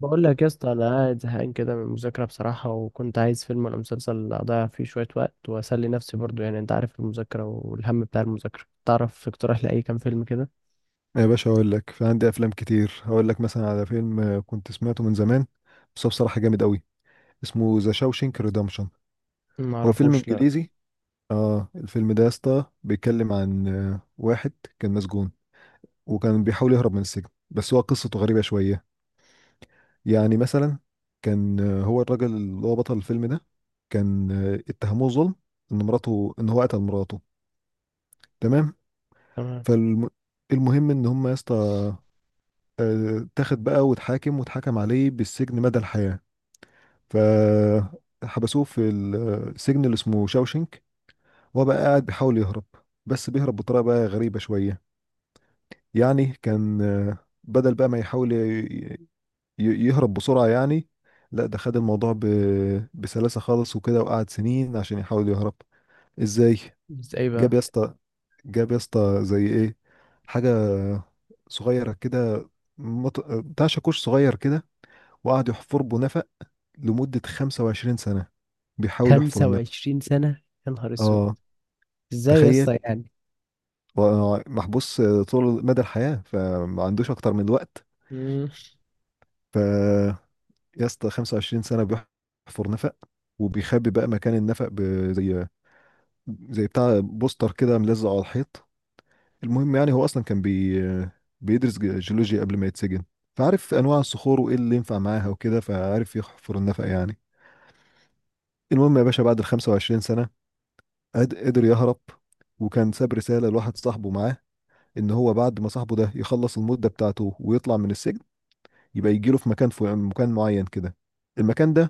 بقول لك يا اسطى، انا قاعد زهقان كده من المذاكره بصراحه، وكنت عايز فيلم ولا مسلسل اضيع فيه شويه وقت واسلي نفسي برضو. يعني انت عارف المذاكره والهم بتاع المذاكره. تعرف اقتراح لاي كام فيلم كده؟ يا باشا اقول لك في عندي افلام كتير هقول لك مثلا على فيلم كنت سمعته من زمان. بس هو بصراحه جامد قوي. اسمه ذا شاوشينك ريدمشن. ما هو فيلم اعرفوش، لا. انجليزي. اه الفيلم ده يا اسطى بيتكلم عن واحد كان مسجون، وكان بيحاول يهرب من السجن، بس هو قصته غريبه شويه. يعني مثلا كان هو الراجل اللي هو بطل الفيلم ده كان اتهموه ظلم ان مراته ان هو قتل مراته. تمام. تمام. فالمهم ان هم يا اسطى اتاخد بقى واتحاكم واتحكم عليه بالسجن مدى الحياة. فحبسوه في السجن اللي اسمه شاوشنك، وهو بقى قاعد بيحاول يهرب، بس بيهرب بطريقة بقى غريبة شوية. يعني كان بدل بقى ما يحاول يهرب بسرعة يعني. لا ده خد الموضوع بسلاسة خالص وكده، وقعد سنين عشان يحاول يهرب. ازاي؟ بس ايه جاب يا بقى؟ اسطى، جاب يا اسطى زي ايه؟ حاجة صغيرة كده، بتاع شاكوش صغير كده، وقعد يحفر بنفق لمدة 25 سنة بيحاول يحفر النفق. 25 سنه؟ يا نهار اسود! اه ازاي يا تخيل. اسطى؟ هو محبوس طول مدى الحياة فما عندوش أكتر من الوقت. يعني ف يا اسطى 25 سنة بيحفر نفق، وبيخبي بقى مكان النفق زي بتاع بوستر كده ملزق على الحيط. المهم يعني هو أصلا كان بيدرس جيولوجيا قبل ما يتسجن، فعارف أنواع الصخور وإيه اللي ينفع معاها وكده، فعارف يحفر النفق يعني. المهم يا باشا بعد ال 25 سنة قدر يهرب، وكان ساب رسالة لواحد صاحبه معاه، إن هو بعد ما صاحبه ده يخلص المدة بتاعته ويطلع من السجن يبقى يجيله في مكان معين كده. المكان ده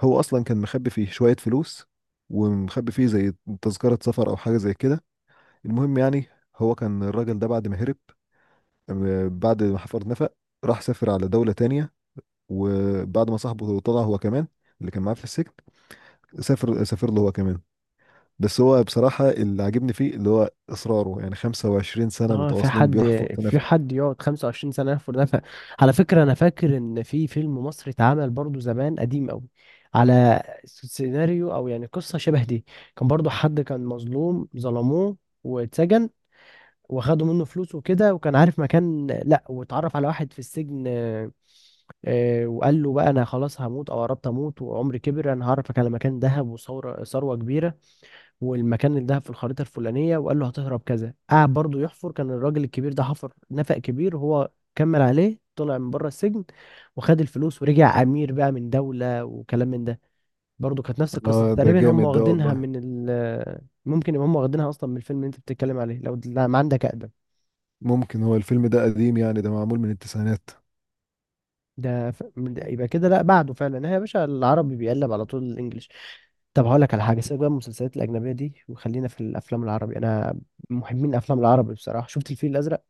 هو أصلا كان مخبي فيه شوية فلوس، ومخبي فيه زي تذكرة سفر أو حاجة زي كده. المهم يعني هو كان الراجل ده بعد ما هرب بعد ما حفر نفق، راح سافر على دولة تانية. وبعد ما صاحبه طلع هو كمان اللي كان معاه في السجن، سافر له هو كمان. بس هو بصراحة اللي عاجبني فيه اللي هو إصراره يعني، 25 سنة اه، في متواصلين حد بيحفر في تنف. حد يقعد 25 سنة يحفر نفق؟ على فكرة أنا فاكر إن في فيلم مصري اتعمل برضو زمان قديم أوي، على سيناريو أو يعني قصة شبه دي. كان برضو حد كان مظلوم ظلموه واتسجن، وخدوا منه فلوس وكده، وكان عارف مكان، لا واتعرف على واحد في السجن وقال له بقى: أنا خلاص هموت أو قربت أموت وعمري كبر، أنا هعرفك على مكان دهب وثورة ثروة كبيرة، والمكان اللي ده في الخريطة الفلانية، وقال له هتهرب كذا. قعد برضه يحفر، كان الراجل الكبير ده حفر نفق كبير، هو كمل عليه طلع من بره السجن وخد الفلوس ورجع أمير بقى من دولة وكلام من ده. برضه كانت نفس القصة آه ده تقريبا. هم جامد ده واخدينها والله. من ممكن يبقى هم واخدينها أصلا من الفيلم اللي أنت بتتكلم عليه، لو لا ما عندك أقدم. ممكن هو الفيلم ده قديم يعني، ده معمول من التسعينات. ده يبقى كده لا بعده فعلا. هي يا باشا العربي بيقلب على طول الإنجليش. طب هقول لك على حاجة، سيبك بقى من المسلسلات الأجنبية دي وخلينا في الأفلام العربي. أنا محبين الأفلام العربي بصراحة. شفت الفيل الأزرق؟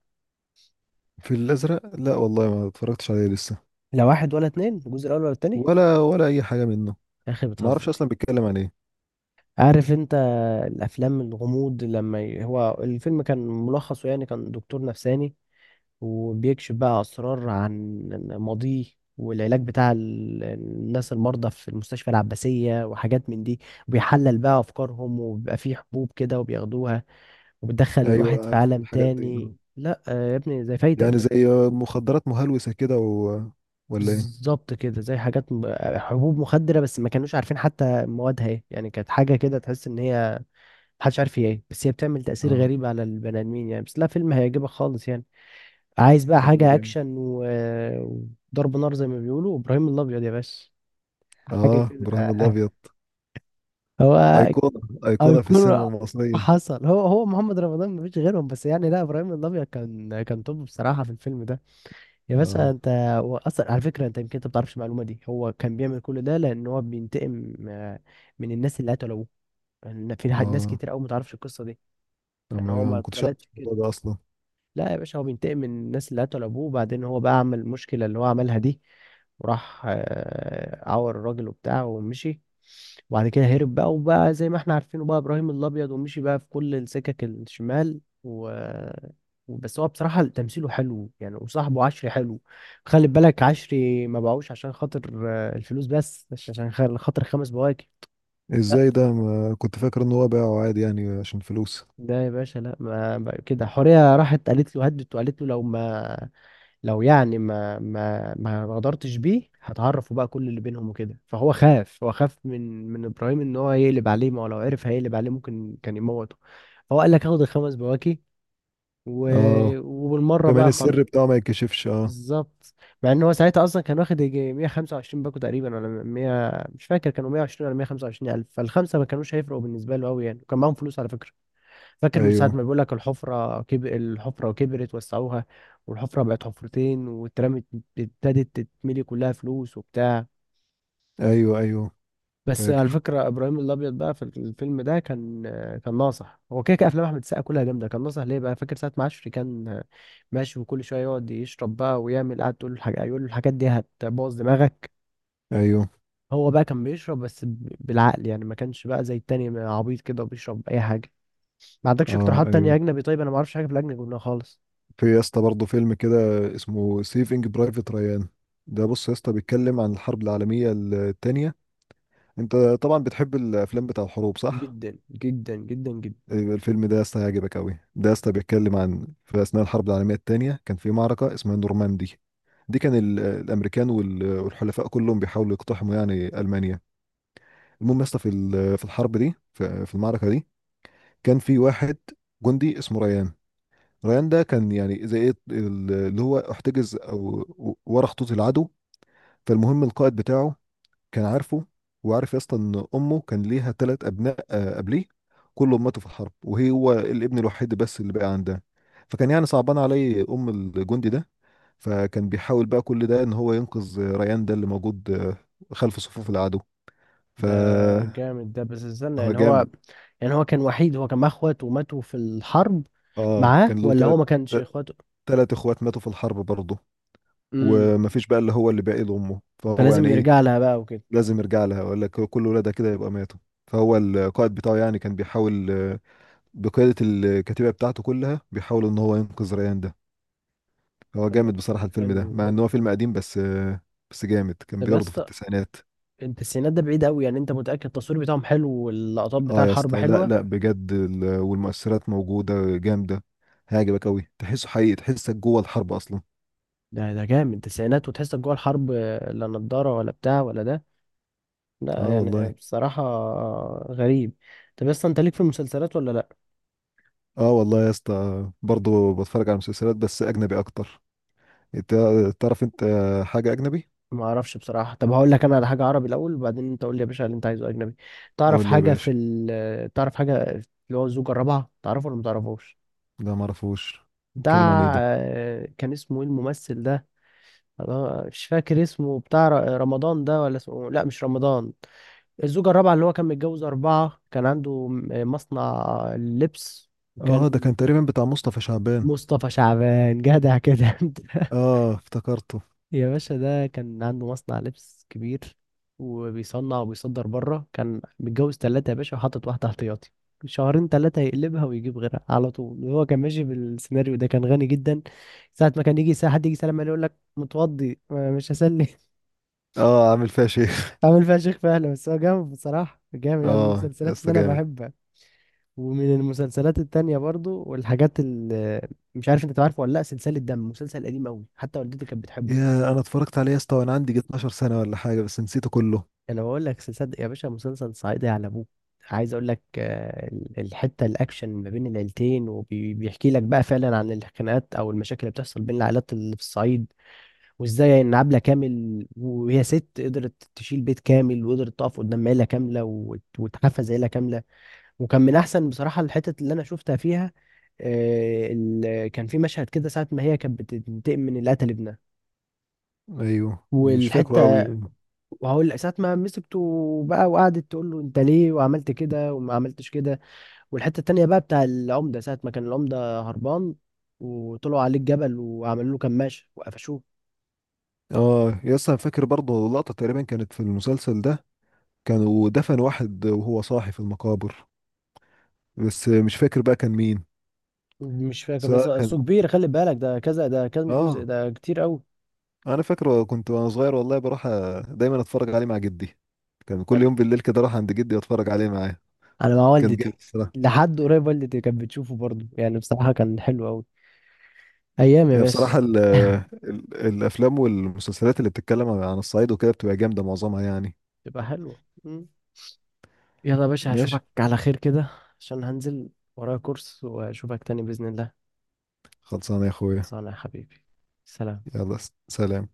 في الأزرق لا والله ما اتفرجتش عليه لسه. لا واحد ولا اتنين، الجزء الاول ولا التاني؟ ولا أي حاجة منه. يا اخي ما أعرفش بتهزر! أصلا بيتكلم عن إيه. عارف انت الافلام الغموض لما هو الفيلم كان ملخصه يعني كان دكتور نفساني، وبيكشف بقى اسرار عن ماضيه، والعلاج بتاع الناس المرضى في المستشفى العباسية وحاجات من دي. وبيحلل بقى افكارهم وبيبقى فيه حبوب كده وبياخدوها، وبتدخل الواحد أيوه في عارف عالم الحاجات دي، تاني. آه. لا يا ابني زي فايتك يعني ده. زي مخدرات مهلوسة كده و، ولا إيه؟ بالظبط كده، زي حاجات حبوب مخدرة، بس ما كانوش عارفين حتى موادها ايه. يعني كانت حاجة كده تحس ان هي محدش عارف هي ايه، بس هي بتعمل تأثير آه غريب على البني آدمين يعني. بس لا، فيلم هيعجبك خالص يعني. عايز بقى والله حاجة جامد. أكشن و... وضرب نار، زي ما بيقولوا إبراهيم الأبيض يا باشا، حاجة آه كده. إبراهيم الأبيض. هو أيقونة. أيقونة في السينما أيقونة. المصرية. حصل، هو هو محمد رمضان مفيش غيرهم، بس يعني لا إبراهيم الأبيض كان توب بصراحة في الفيلم ده. يا باشا آه. انت، هو اصلا على فكره انت يمكن انت ما بتعرفش المعلومه دي، هو كان بيعمل كل ده لان هو بينتقم من الناس اللي قتلوه. لان في ناس آه كتير قوي ما تعرفش القصه دي. أنا يعني هو ما ما ما كنتش أعرف اتولدش؟ الموضوع ده أصلا. لا يا باشا، هو بينتقم من الناس اللي قتلوا ابوه، وبعدين هو بقى عمل المشكله اللي هو عملها دي، وراح عور الراجل وبتاع ومشي. وبعد كده هرب بقى وبقى زي ما احنا عارفينه بقى، ابراهيم الابيض، ومشي بقى في كل السكك الشمال. و بس هو بصراحة تمثيله حلو يعني، وصاحبه عشري حلو. خلي بالك، عشري ما باعوش عشان خاطر الفلوس، بس مش عشان خاطر خمس بواكب. لا ازاي ده ما كنت فاكر ان هو باعه عادي يعني عشان فلوس. ده يا باشا، لا ما بقى كده. حورية راحت قالت له، هدت وقالت له لو ما، لو يعني ما غدرتش بيه هتعرفوا بقى كل اللي بينهم وكده، فهو خاف، هو خاف من ابراهيم ان هو يقلب عليه. ما هو لو عرف هيقلب عليه ممكن كان يموته. فهو قال لك هاخد الخمس بواكي و... اه وبالمره كمان بقى خلاص. السر بتاعه ما يتكشفش، اه. بالظبط. مع ان هو ساعتها اصلا كان واخد يجي 125 باكو تقريبا، ولا 100 مش فاكر، كانوا 120 ولا 125 الف. فالخمسه ما كانوش هيفرقوا بالنسبه له قوي يعني، وكان معاهم فلوس على فكره. فاكر من ساعة ايوه، ما بيقول لك الحفرة الحفرة كبرت وسعوها، والحفرة بقت حفرتين واترمت، ابتدت تتملي كلها فلوس وبتاع. ايوه، ايوه. بس على فاكر، فكرة إبراهيم الأبيض بقى في الفيلم ده كان كان ناصح. هو كده كده أفلام أحمد السقا كلها جامدة. كان ناصح ليه بقى، فاكر ساعة ما عشري كان ماشي وكل شوية يقعد يشرب بقى ويعمل قعد، تقول له الحاجة يقول له الحاجات دي هتبوظ دماغك. ايوه. هو بقى كان بيشرب بس بالعقل يعني، ما كانش بقى زي التاني عبيط كده وبيشرب أي حاجة. ما عندكش اه، اقتراحات تانية ايوه. أجنبي؟ طيب أنا ما أعرفش حاجة في الأجنبي خالص. في يا اسطى برضه فيلم كده، اسمه سيفنج برايفت ريان. ده بص يا اسطى بيتكلم عن الحرب العالميه الثانيه. انت طبعا بتحب الافلام بتاع الحروب، صح؟ جدا جدا جدا جدا. أيوة، الفيلم ده يا اسطى هيعجبك قوي. ده يا اسطى بيتكلم عن في اثناء الحرب العالميه الثانيه كان في معركه اسمها نورماندي. دي كان الامريكان والحلفاء كلهم بيحاولوا يقتحموا يعني المانيا. المهم يا اسطى في في الحرب دي في المعركه دي كان في واحد جندي اسمه ريان. ريان ده كان يعني زي ايه اللي هو احتجز او ورا خطوط العدو. فالمهم القائد بتاعه كان عارفه وعارف يا اسطى ان امه كان ليها ثلاث ابناء قبليه، كلهم ماتوا في الحرب، وهي هو الابن الوحيد بس اللي بقى عندها. فكان يعني صعبان عليه ام الجندي ده، فكان بيحاول بقى كل ده ان هو ينقذ ريان ده اللي موجود خلف صفوف العدو. ف ده جامد ده، بس استنى هو يعني هو، جامد. يعني هو كان وحيد، هو كان معاه اخواته وماتوا في الحرب؟ اه معاه كان له ولا هو ثلاث ما كانش اخواته؟ ثلاث اخوات ماتوا في الحرب برضه، امم. ومفيش بقى اللي هو اللي باقي لامه، فهو يعني فلازم ايه يرجع لها بقى وكده. لازم يرجع لها، ولا كل ولادها كده يبقى ماتوا. فهو القائد بتاعه يعني كان بيحاول بقيادة الكتيبة بتاعته كلها بيحاول ان هو ينقذ ريان ده. هو طب جامد والله بصراحة الفيلم ده، حلو. مع ان هو فيلم قديم، بس جامد. كان طب يا برضه في اسطى التسعينات. انت، السينات ده بعيد قوي يعني، انت متأكد التصوير بتاعهم حلو واللقطات بتاع اه يا الحرب اسطى، لا حلوة؟ لا بجد والمؤثرات موجودة جامدة. هيعجبك قوي، تحسه حقيقي، تحسك جوه الحرب اصلا. ده جامد تسعينات وتحسك جوه الحرب؟ لا نضارة ولا بتاع ولا ده. لا اه يعني والله. بصراحة غريب. طب يا اسطى انت ليك في المسلسلات ولا لا؟ اه والله يا اسطى برضه بتفرج على مسلسلات، بس اجنبي اكتر. انت تعرف انت حاجة اجنبي؟ ما اعرفش بصراحه. طب هقول لك انا على حاجه عربي الاول، وبعدين انت قول لي يا باشا اللي انت عايزه اجنبي. تعرف قول لي يا حاجه في باشا. تعرف حاجه اللي هو الزوجه الرابعه، تعرفه ولا ما تعرفوش؟ لا معرفوش. بيتكلم عن ايه بتاع ده؟ كان اسمه ايه الممثل ده؟ أنا مش فاكر اسمه، بتاع رمضان ده، ولا اسمه لا مش رمضان. الزوجه الرابعه، اللي هو كان متجوز اربعه، كان عنده مصنع لبس، اه ده وكان. كان تقريبا بتاع مصطفى شعبان. مصطفى شعبان، جدع كده! انت اه افتكرته. يا باشا ده كان عنده مصنع لبس كبير وبيصنع وبيصدر بره. كان متجوز تلاتة يا باشا وحاطط واحدة احتياطي، شهرين تلاتة يقلبها ويجيب غيرها على طول، وهو كان ماشي بالسيناريو ده، كان غني جدا. ساعة ما كان يجي ساعة حد يجي يسلم عليه يقول لك متوضي مش هسلم. اه عامل فيها شيء. عامل فيها شيخ فعلا. بس هو جامد بصراحة، جامد يعني، من اه يا المسلسلات اللي اسطى أنا جامد. بحبها. ومن المسلسلات التانية برضو، والحاجات اللي مش عارف أنت تعرفه ولا لأ، سلسلة دم، مسلسل قديم أوي حتى والدتي كانت بتحبه. يا انا اتفرجت عليه يا اسطى وانا عندي 12 سنه ولا حاجه، بس نسيته كله. انا بقول لك صدق يا باشا، مسلسل صعيدي على ابوه. عايز اقول لك الحته الاكشن ما بين العيلتين، وبيحكي لك بقى فعلا عن الخناقات او المشاكل اللي بتحصل بين العائلات اللي في الصعيد، وازاي ان عبله كامل وهي ست قدرت تشيل بيت كامل، وقدرت تقف قدام عيله كامله وتحفز عيله كامله. وكان من احسن بصراحه الحتت اللي انا شفتها فيها، كان في مشهد كده ساعه ما هي كانت بتنتقم من اللي قتل ابنها. ايوه مش فاكره والحته، قوي. وهقول ساعة ما مسكته بقى وقعدت تقول له انت ليه وعملت كده وما عملتش كده. والحتة التانية بقى بتاع العمدة، ساعة ما كان العمدة هربان وطلعوا عليه الجبل وعملوا له كماشة وقفشوه. اه يا اسطى انا فاكر برضه لقطه تقريبا كانت في المسلسل ده، كانوا دفن واحد وهو صاحي في المقابر، بس مش فاكر بقى كان مين. مش فاكر بس سواء كان. اصله كبير، خلي بالك ده كذا، ده كام جزء، اه ده كتير قوي. انا فاكره كنت وانا صغير والله بروح دايما اتفرج عليه مع جدي. كان كل انا يوم بالليل كده اروح عند جدي واتفرج عليه معاه. انا مع كان والدتي جامد. لحد قريب، والدتي كانت بتشوفه برضه يعني، بصراحة كان حلو قوي. ايام يا هي باشا. بصراحة ال ال الأفلام والمسلسلات اللي بتتكلم عن الصعيد وكده بتبقى جامدة معظمها يعني. تبقى حلوة. يلا يا باشا ماشي. هشوفك على خير كده، عشان هنزل، ورايا كورس، واشوفك تاني بإذن الله. خلصانة يا أخويا. صانع حبيبي، سلام. يلا سلام.